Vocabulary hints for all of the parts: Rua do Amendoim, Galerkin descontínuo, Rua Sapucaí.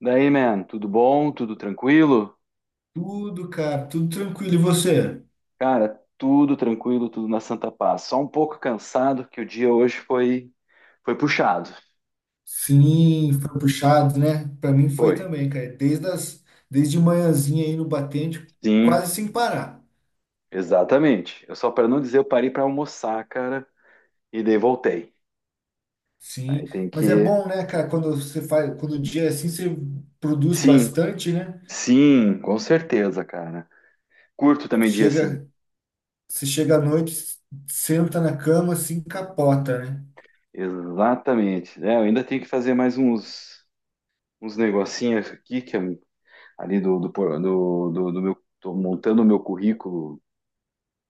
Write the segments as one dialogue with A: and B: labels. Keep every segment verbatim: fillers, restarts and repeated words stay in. A: Daí, man, tudo bom? Tudo tranquilo?
B: Tudo, cara, tudo tranquilo. E você?
A: Cara, tudo tranquilo, tudo na santa paz. Só um pouco cansado que o dia hoje foi foi puxado.
B: Sim, foi puxado, né? Pra mim foi
A: Foi.
B: também, cara. Desde as, desde manhãzinha aí no batente,
A: Sim,
B: quase sem parar.
A: exatamente. Eu só para não dizer, eu parei para almoçar, cara, e daí voltei.
B: Sim,
A: Aí tem que.
B: mas é bom, né, cara? Quando você faz, quando o dia é assim, você produz
A: Sim,
B: bastante, né?
A: sim, com certeza, cara. Curto também dia assim.
B: Chega, Você chega à noite, senta na cama, assim, capota, né?
A: Exatamente. É, eu ainda tenho que fazer mais uns uns negocinhos aqui que é ali do do, por- do, do, do meu tô montando o meu currículo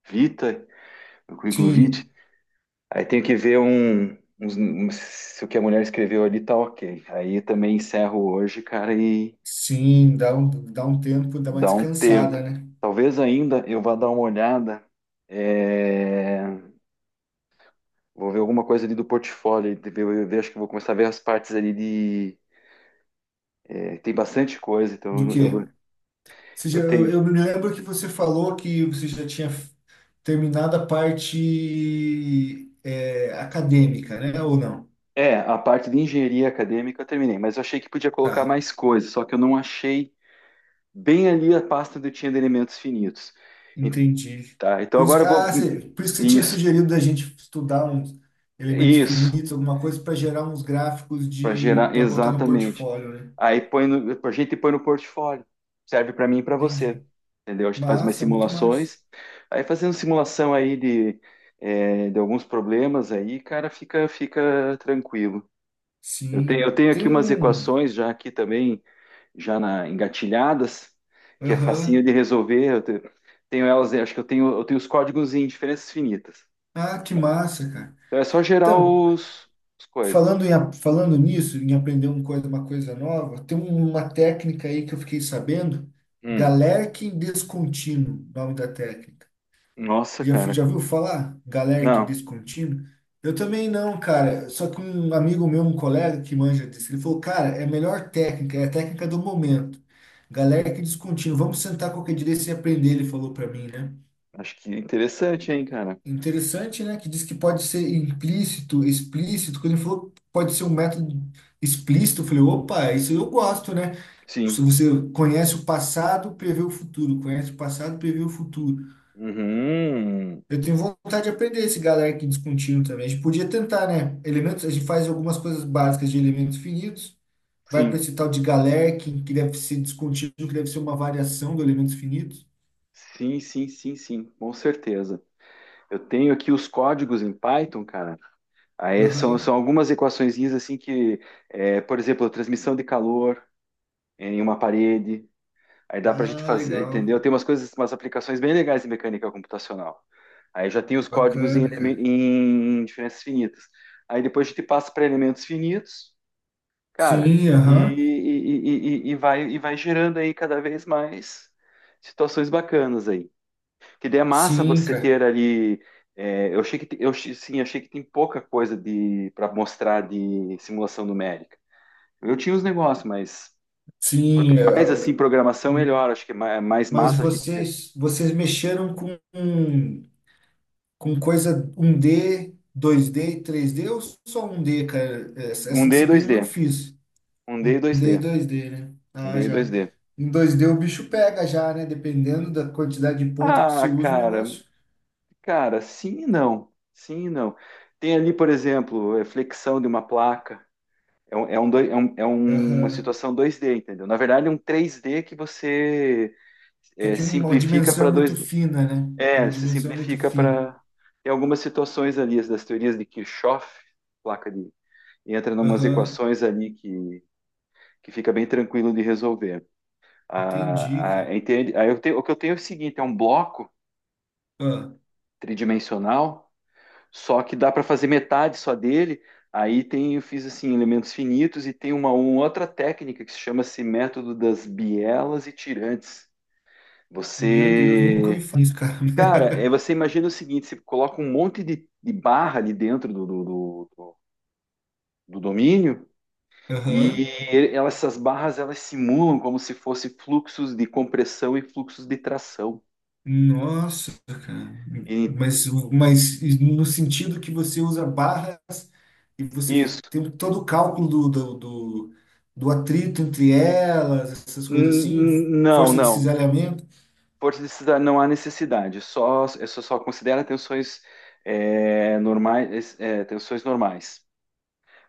A: Vita o currículo vitae.
B: Sim,
A: Aí tenho que ver um, uns- um- se o que a mulher escreveu ali tá ok. Aí também encerro hoje, cara, e
B: sim, dá um, dá um tempo, dá uma
A: dá um
B: descansada,
A: tempo.
B: né?
A: Talvez ainda eu vá dar uma olhada. É, vou ver alguma coisa ali do portfólio. De ver- Eu, ver- Acho que vou começar a ver as partes ali de. É, tem bastante coisa,
B: Do
A: então
B: quê?
A: eu, eu,
B: Você
A: eu
B: já- eu,
A: tenho.
B: eu me lembro que você falou que você já tinha f- terminado a parte é, acadêmica, né? Ou não?
A: É, a parte de engenharia acadêmica eu terminei, mas eu achei que podia colocar
B: Tá,
A: mais coisas, só que eu não achei bem ali a pasta onde eu tinha de elementos finitos.
B: entendi.
A: Tá, então
B: Por isso
A: agora
B: que,
A: eu vou.
B: ah, você, por isso que você tinha
A: Isso,
B: sugerido da gente estudar uns elementos
A: isso,
B: finitos, alguma coisa para gerar uns gráficos
A: para
B: de
A: gerar,
B: para botar no
A: exatamente.
B: portfólio, né?
A: Aí põe no, a gente põe no portfólio, serve para mim e para você,
B: Entendi.
A: entendeu? A gente faz umas
B: Massa, muito massa.
A: simulações, aí fazendo simulação aí de, é, de alguns problemas aí, cara, fica, fica tranquilo. Eu tenho, eu
B: Sim,
A: tenho
B: tem
A: aqui umas
B: um.
A: equações já aqui também, já na, engatilhadas, que é facinho
B: Aham.
A: de resolver. Eu te- tenho elas, acho que eu tenho, eu tenho os códigos em diferenças finitas.
B: Ah, que massa, cara.
A: Então é só gerar
B: Então,
A: os, as coisas.
B: Falando em, a- falando nisso, em aprender uma coisa, uma coisa nova, tem um, uma técnica aí que eu fiquei sabendo,
A: Hum.
B: Galerkin descontínuo, nome da técnica.
A: Nossa,
B: Já, fui-
A: cara.
B: já viu falar? Galerkin
A: Não,
B: descontínuo? Eu também não, cara. Só que um amigo meu, um colega que manja disso, ele falou, cara, é a melhor técnica, é a técnica do momento. Galerkin descontínuo. Vamos sentar qualquer dia desse e aprender, ele falou para mim, né?
A: acho que é interessante, hein, cara.
B: Interessante, né? Que diz que pode ser implícito, explícito. Quando ele falou que pode ser um método explícito, eu falei, opa, isso eu gosto, né? Se
A: Sim.
B: você conhece o passado, prevê o futuro. Conhece o passado, prevê o futuro.
A: Uhum.
B: Eu tenho vontade de aprender esse galera que descontínuo também. A gente podia tentar, né? Elementos, a gente faz algumas coisas básicas de elementos finitos, vai para
A: Sim.
B: esse tal de Galerkin, que deve ser descontínuo, que deve ser uma variação do elementos finitos.
A: Sim, sim, sim, sim, com certeza. Eu tenho aqui os códigos em Python, cara. Aí são,
B: Aham.
A: são algumas equaçõezinhas assim que, é, por exemplo, a transmissão de calor em uma parede. Aí dá para a gente
B: Ah,
A: fazer, entendeu?
B: legal.
A: Tem umas coisas, umas aplicações bem legais em mecânica computacional. Aí já tem os códigos em,
B: Bacana,
A: eleme-
B: cara.
A: em diferenças finitas. Aí depois a gente passa para elementos finitos, cara,
B: Sim,
A: e,
B: aham.
A: e, e, e- e vai, e vai gerando aí cada vez mais situações bacanas aí. Que daí é massa
B: Sim,
A: você
B: cara.
A: ter ali. É, eu achei que te- eu achei- sim, achei que tem pouca coisa de para mostrar de simulação numérica. Eu tinha os negócios, mas quanto
B: Sim.
A: mais assim
B: Eh,
A: programação,
B: hum.
A: melhor. Acho que é ma- é mais
B: Mas
A: massa a gente.
B: vocês, vocês mexeram com, com coisa um d dois d e três d ou só um d, cara? Essa,
A: Um
B: essa
A: d e dois
B: disciplina eu não
A: d
B: fiz.
A: um d
B: Um
A: e dois
B: d e
A: d
B: dois d, né?
A: um
B: Ah,
A: d e dois
B: já.
A: d.
B: Em dois d o bicho pega já, né? Dependendo da quantidade de ponto que você
A: Ah,
B: usa o
A: cara,
B: negócio.
A: cara, sim e não. Sim e não. Tem ali, por exemplo, é, flexão de uma placa. É, um, é, um doi- é um- é um, uma
B: Aham.
A: situação dois d, entendeu? Na verdade, é um três d que você
B: Só
A: é,
B: que uma
A: simplifica
B: dimensão
A: para
B: é muito
A: dois d.
B: fina, né?
A: É,
B: Uma
A: se
B: dimensão é muito
A: simplifica
B: fina.
A: para. Tem algumas situações ali, as das teorias de Kirchhoff, placa de. Entra em umas
B: Aham.
A: equações ali que, que fica bem tranquilo de resolver.
B: Entendi,
A: A,
B: cara.
A: a, entende? Aí eu tenho, o que eu tenho é o seguinte: é um bloco
B: Ah,
A: tridimensional, só que dá para fazer metade só dele. Aí tem, eu fiz assim, elementos finitos e tem uma, uma outra técnica que se chama-se método das bielas e tirantes.
B: meu Deus, nunca me
A: Você.
B: falar isso, cara.
A: Cara, é, você imagina o seguinte: você coloca um monte de, de barra ali dentro do, do, do, do domínio. E
B: Aham.
A: elas, essas barras elas simulam como se fossem fluxos de compressão e fluxos de tração.
B: Nossa, cara.
A: E
B: Mas, mas no sentido que você usa barras e você
A: isso.
B: tem todo o cálculo do, do, do, do atrito entre elas, essas coisas assim,
A: N- Não,
B: força de
A: não.
B: cisalhamento.
A: Força de cidade não há necessidade. É só, isso só considera tensões é, normais, é, é, tensões normais.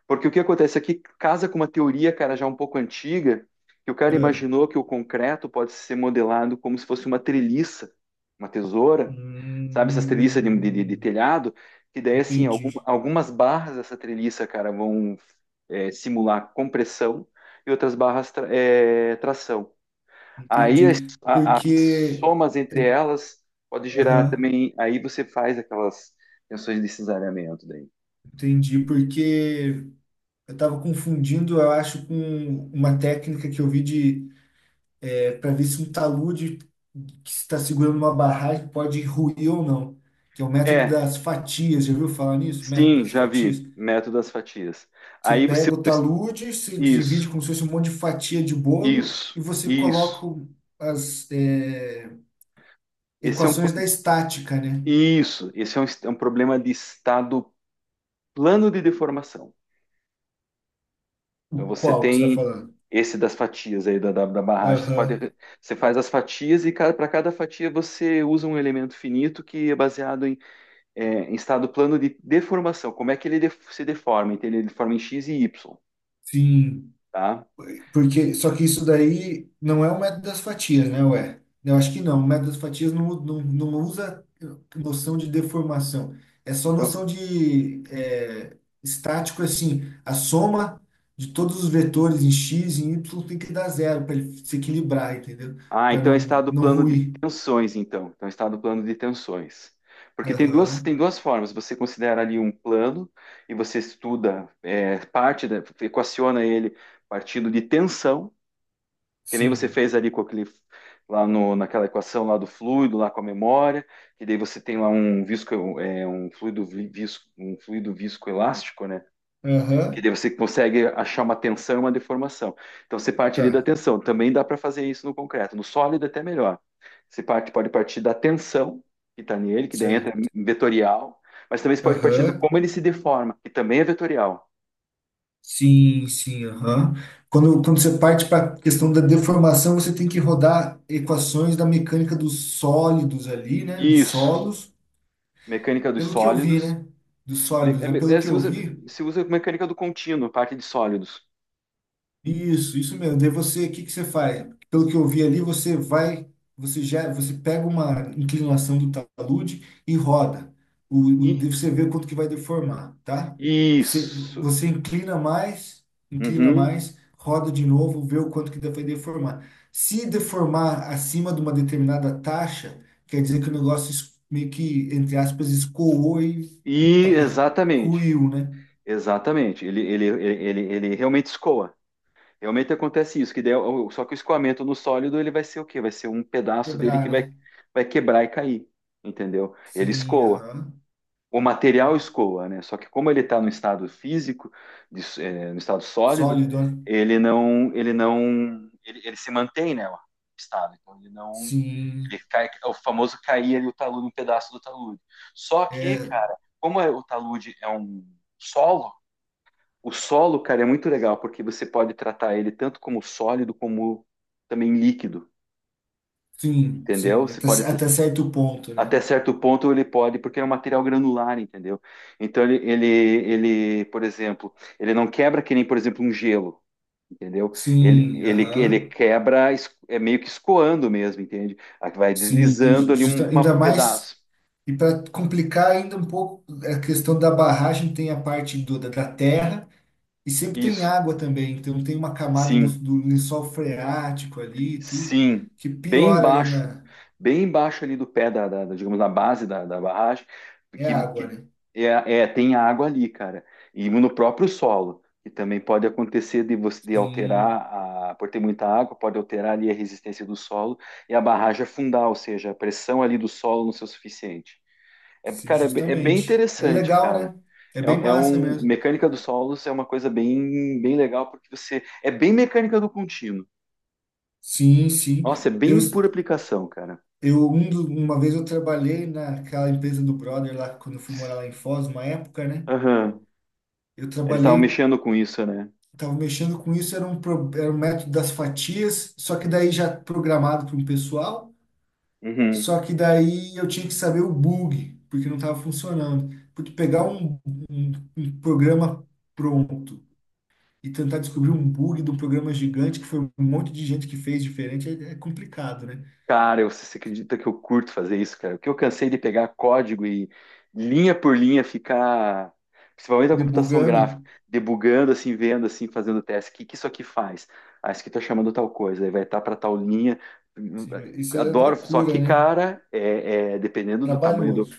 A: Porque o que acontece aqui casa com uma teoria, cara, já um pouco antiga, que o cara
B: Ah,
A: imaginou que o concreto pode ser modelado como se fosse uma treliça, uma tesoura, sabe? Essas treliças de, de- de
B: hum,
A: telhado, que daí, assim, algum-
B: entendi,
A: algumas barras dessa treliça, cara, vão é, simular compressão e outras barras tra- é, tração. Aí
B: entendi.
A: a, a-
B: Porque,
A: somas entre elas pode gerar
B: aham,
A: também. Aí você faz aquelas tensões de cesareamento daí.
B: entendi, porque eu estava confundindo, eu acho, com uma técnica que eu vi de para ver se um talude que está segurando uma barragem pode ruir ou não, que é o método
A: É,
B: das fatias. Já ouviu falar nisso? Método
A: sim,
B: das
A: já vi.
B: fatias?
A: Método das fatias.
B: Você
A: Aí você.
B: pega o talude, se divide
A: Isso,
B: como se fosse um monte de fatia de bolo
A: isso,
B: e você coloca
A: isso.
B: o- as é,
A: Esse é um,
B: equações da estática, né?
A: isso, esse é um, é um problema de estado plano de deformação. Então
B: O
A: você
B: qual que você está
A: tem
B: falando?
A: esse das fatias aí da, da, da barragem. Você pode,
B: Aham,
A: você faz as fatias e para cada fatia você usa um elemento finito que é baseado é, em estado plano de deformação. Como é que ele def- se deforma? Então, ele deforma em xis e ípsilon,
B: sim.
A: tá?
B: Porque, só que isso daí não é o método das fatias, né, ué? Eu acho que não. O método das fatias não, não, não usa noção de deformação. É só
A: Então,
B: noção de é, estático, é assim, a soma de todos os vetores em x e em y tem que dar zero para ele se equilibrar, entendeu?
A: ah,
B: Para
A: então é
B: não,
A: estado
B: não
A: plano de
B: ruir.
A: tensões, então. Então, é estado plano de tensões. Porque tem duas, tem
B: Aham,
A: duas formas. Você considera ali um plano e você estuda é, parte, da, equaciona ele partindo de tensão, que nem você
B: sim.
A: fez ali com aquele, lá no, naquela equação lá do fluido, lá com a memória, que daí você tem lá um visco, é, um fluido vi- visco, um fluido viscoelástico, né? Que
B: Aham,
A: daí você consegue achar uma tensão e uma deformação. Então você parte ali da
B: tá,
A: tensão. Também dá para fazer isso no concreto. No sólido é até melhor. Você parte, pode partir da tensão que está nele, que daí entra
B: certo.
A: em vetorial, mas também você pode partir de
B: Aham.
A: como ele se deforma, que também é vetorial.
B: Sim, sim, aham. Quando, quando você parte para a questão da deformação, você tem que rodar equações da mecânica dos sólidos ali, né? Dos
A: Isso.
B: solos,
A: Mecânica dos
B: pelo que eu vi,
A: sólidos.
B: né? Dos
A: Me-
B: sólidos, né?
A: é
B: Pelo
A: é,
B: que
A: se
B: eu
A: usa,
B: vi,
A: Se usa mecânica do contínuo, parte de sólidos.
B: Isso, isso mesmo. Daí você, o que que você faz? Pelo que eu vi ali, você vai, você já, você pega uma inclinação do talude e roda. O, o,
A: E,
B: daí você vê quanto que vai deformar, tá? Você,
A: isso.
B: você inclina mais, inclina
A: Uhum.
B: mais, roda de novo, vê o quanto que vai deformar. Se deformar acima de uma determinada taxa, quer dizer que o negócio es- meio que, entre aspas, escoou e,
A: E
B: e
A: exatamente.
B: ruiu, né?
A: Exatamente. Ele, ele, ele, ele, ele realmente escoa. Realmente acontece isso, que daí, o- só que o escoamento no sólido ele vai ser o quê? Vai ser um pedaço dele que
B: Quebrar,
A: vai,
B: né?
A: vai quebrar e cair, entendeu? Ele
B: Sim,
A: escoa.
B: aham.
A: O material escoa, né? Só que como ele está no estado físico, de s- eh, no estado sólido,
B: Sólido, né?
A: ele não, ele não, ele, ele se mantém, né? O estado. Então ele não,
B: Sim,
A: ele cai, é o famoso cair ali o talude, um pedaço do talude. Só que,
B: é,
A: cara, como é- o talude é um solo, o solo, cara, é muito legal, porque você pode tratar ele tanto como sólido, como também líquido,
B: sim,
A: entendeu?
B: sim,
A: Você
B: até,
A: pode
B: até
A: ter-
B: certo ponto, né?
A: até certo ponto ele pode, porque é um material granular, entendeu? Então ele, ele, ele, por exemplo, ele não quebra que nem, por exemplo, um gelo, entendeu? Ele,
B: Sim,
A: ele, ele
B: aham,
A: quebra, es- é meio que escoando mesmo, entende? Aí vai
B: sim,
A: deslizando ali um,
B: justa,
A: uma-
B: ainda
A: um
B: mais,
A: pedaço.
B: e para complicar ainda um pouco, a questão da barragem tem a parte do, da, da terra e sempre tem
A: Isso,
B: água também, então tem uma camada do,
A: sim.
B: do lençol freático ali e tudo,
A: Sim,
B: que
A: bem
B: piora
A: embaixo,
B: ainda,
A: bem embaixo ali do pé da, da- da- digamos, na base da, da barragem,
B: é
A: que,
B: água,
A: que
B: né?
A: é, é, tem água ali, cara, e no próprio solo, que também pode acontecer de você de alterar,
B: Sim,
A: a, por ter muita água, pode alterar ali a resistência do solo e a barragem afundar, ou seja, a pressão ali do solo não ser o suficiente. É,
B: sim,
A: cara, é, be- é bem
B: justamente. É
A: interessante,
B: legal,
A: cara.
B: né? É
A: É,
B: bem
A: é
B: massa
A: um,
B: mesmo.
A: mecânica dos solos é uma coisa bem, bem legal, porque você, é bem mecânica do contínuo.
B: Sim, sim.
A: Nossa, é
B: Eu,
A: bem por aplicação, cara.
B: Eu, um do- uma vez eu trabalhei naquela empresa do brother lá, quando eu fui morar lá em Foz, uma época, né?
A: Aham.
B: Eu
A: Eles estavam
B: trabalhei,
A: mexendo com isso, né?
B: tava mexendo com isso, era um, pro- era um método das fatias, só que daí já programado para um pessoal,
A: Uhum.
B: só que daí eu tinha que saber o bug, porque não estava funcionando. Porque pegar um, um, um programa pronto e tentar descobrir um bug de um programa gigante, que foi um monte de gente que fez diferente, é, é complicado, né?
A: Cara, eu- você acredita que eu curto fazer isso, cara? Porque eu cansei de pegar código e linha por linha ficar, principalmente a computação gráfica,
B: Debugando,
A: debugando assim, vendo assim, fazendo teste. O que que isso aqui faz? Ah, isso aqui tá chamando tal coisa, aí vai estar para tal linha.
B: sim, mas isso é
A: Adoro, só
B: loucura,
A: que,
B: né?
A: cara, é, é, dependendo do tamanho do,
B: Trabalhoso.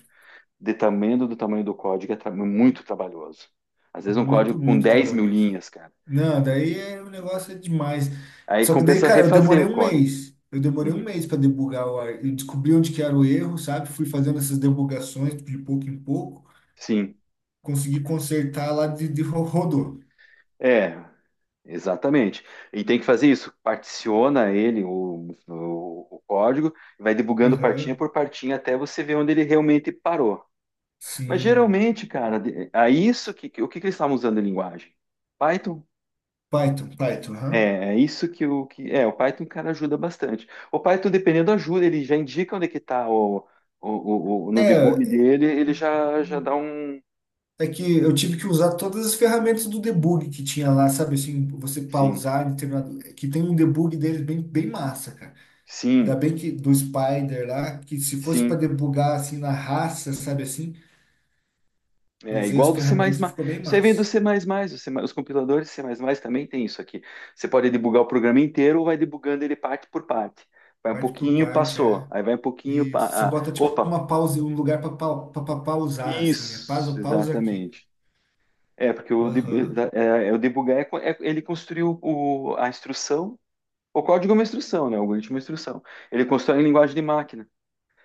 A: dependendo do tamanho do código, é tra- muito trabalhoso. Às vezes um código
B: Muito,
A: com
B: muito
A: dez mil
B: trabalhoso.
A: linhas, cara.
B: Não, daí é, o negócio é demais.
A: Aí
B: Só que daí,
A: compensa
B: cara, eu
A: refazer
B: demorei
A: o
B: um
A: código.
B: mês. Eu demorei um
A: Uhum.
B: mês para debugar o ar. Eu descobri onde que era o erro, sabe? Fui fazendo essas debugações de pouco em pouco.
A: Sim,
B: Consegui consertar lá, de, de ro- rodou.
A: é, exatamente. E tem que fazer isso, particiona ele, o, o, o código, vai debugando partinha
B: Aham.
A: por partinha até você ver onde ele realmente parou. Mas
B: Sim.
A: geralmente, cara, de- a isso que, que- o que, que eles estavam usando em linguagem? Python?
B: Python, Python, aham.
A: É, é isso que o que é, o Python, cara, ajuda bastante. O Python, dependendo, ajuda, ele já indica onde é que está o, o, o, o- no debug
B: É,
A: dele, ele já, já dá um.
B: é que eu tive que usar todas as ferramentas do debug que tinha lá, sabe? Assim, você
A: Sim,
B: pausar, determinado, que tem um debug deles bem, bem massa, cara. Ainda
A: sim,
B: bem que do Spider lá, que se fosse para
A: sim.
B: debugar assim na raça, sabe assim, eu
A: É
B: usei as
A: igual do
B: ferramentas e
A: C mais mais.
B: ficou bem
A: Isso aí vem do
B: massa.
A: C mais mais, o C mais mais, os compiladores C mais mais também tem isso aqui. Você pode debugar o programa inteiro ou vai debugando ele parte por parte. Vai um
B: Parte por
A: pouquinho,
B: parte,
A: passou.
B: é.
A: Aí vai um pouquinho,
B: E
A: pa-
B: se
A: ah,
B: bota tipo
A: opa,
B: uma pausa, um lugar para pa, pa- pa- pausar, assim, né?
A: isso,
B: Pausa, pausa aqui.
A: exatamente. É, porque o, deb-
B: Aham.
A: é, é, o debugar é, co- é- ele construiu o, a instrução, o código é uma instrução, né? O algoritmo é uma instrução. Ele constrói em linguagem de máquina.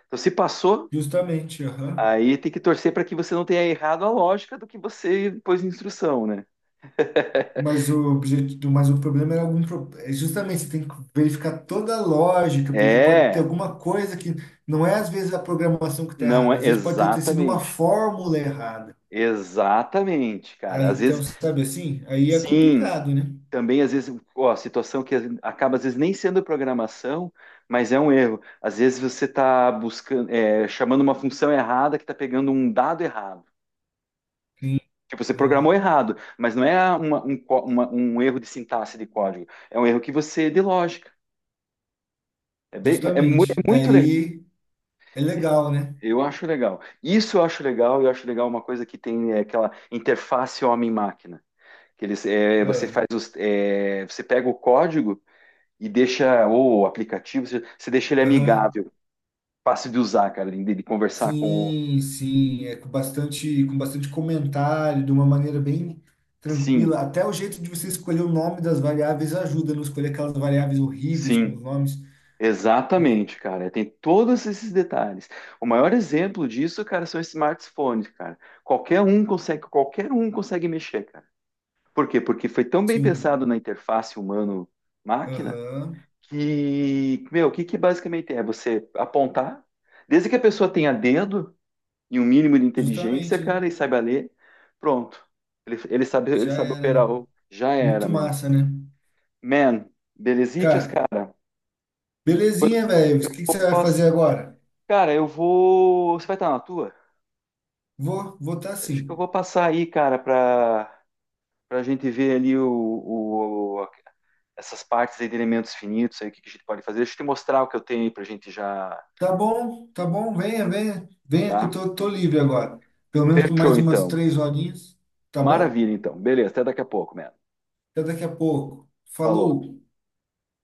A: Então, se passou,
B: Justamente, aham.
A: aí tem que torcer para que você não tenha errado a lógica do que você pôs em instrução, né?
B: Mas o objetivo, mas o problema era algum pro- é justamente, você tem que verificar toda a lógica, porque pode ter
A: É,
B: alguma coisa que não é às vezes a programação que está
A: não
B: errada,
A: é
B: às vezes pode ter ter sido uma
A: exatamente,
B: fórmula errada.
A: exatamente,
B: Ah,
A: cara. Às
B: então,
A: vezes,
B: sabe assim? Aí é
A: sim,
B: complicado, né?
A: também às vezes, ó, situação que acaba às vezes nem sendo programação, mas é um erro. Às vezes você está buscando, é, chamando uma função errada que está pegando um dado errado.
B: Sim,
A: Tipo, você programou
B: sim,
A: errado, mas não é uma- um, có- uma- um erro de sintaxe de código, é um erro que você de lógica. É bem, é, mu-
B: justamente.
A: é muito legal.
B: Daí é
A: Isso.
B: legal, né?
A: Eu acho legal. Isso eu acho legal. Eu acho legal uma coisa que tem é, aquela interface homem-máquina. Que eles, é, você
B: Ah,
A: faz os, é, Você pega o código e deixa, ou o aplicativo, você, você deixa ele
B: Aham.
A: amigável, fácil de usar, cara, de, de conversar com o.
B: Sim, sim. É com bastante, com bastante comentário, de uma maneira bem
A: Sim,
B: tranquila. Até o jeito de você escolher o nome das variáveis ajuda a não escolher aquelas variáveis horríveis com os
A: sim,
B: nomes.
A: exatamente, cara. Tem todos esses detalhes. O maior exemplo disso, cara, são os smartphones, cara. Qualquer um consegue, qualquer um consegue mexer, cara. Por quê? Porque foi tão bem
B: Sim.
A: pensado na interface humano-máquina
B: Aham.
A: que, meu, o que que basicamente é? Você apontar, desde que a pessoa tenha dedo, e um mínimo de inteligência,
B: Justamente, né?
A: cara, e saiba ler, pronto. Ele, ele sabe, ele
B: Já
A: sabe
B: era,
A: operar.
B: né?
A: o- Já era,
B: Muito
A: man.
B: massa, né?
A: Man, belezitas,
B: Cara,
A: cara. Pois,
B: belezinha, velho. O que que você
A: vou
B: vai fazer
A: pass-
B: agora?
A: cara, eu vou. Você vai estar na tua?
B: Vou, vou tá
A: Acho que eu
B: sim.
A: vou passar aí, cara, pra, pra gente ver ali o, o- a- essas partes aí de elementos finitos aí, o que que a gente pode fazer. Deixa eu te mostrar o que eu tenho aí pra gente já,
B: Tá bom, tá bom, venha, venha, venha que eu
A: tá?
B: tô, tô livre agora. Pelo menos por
A: Fechou,
B: mais umas
A: então.
B: três horinhas, tá bom?
A: Maravilha, então. Beleza, até daqui a pouco, man.
B: Até daqui a pouco.
A: Falou.
B: Falou!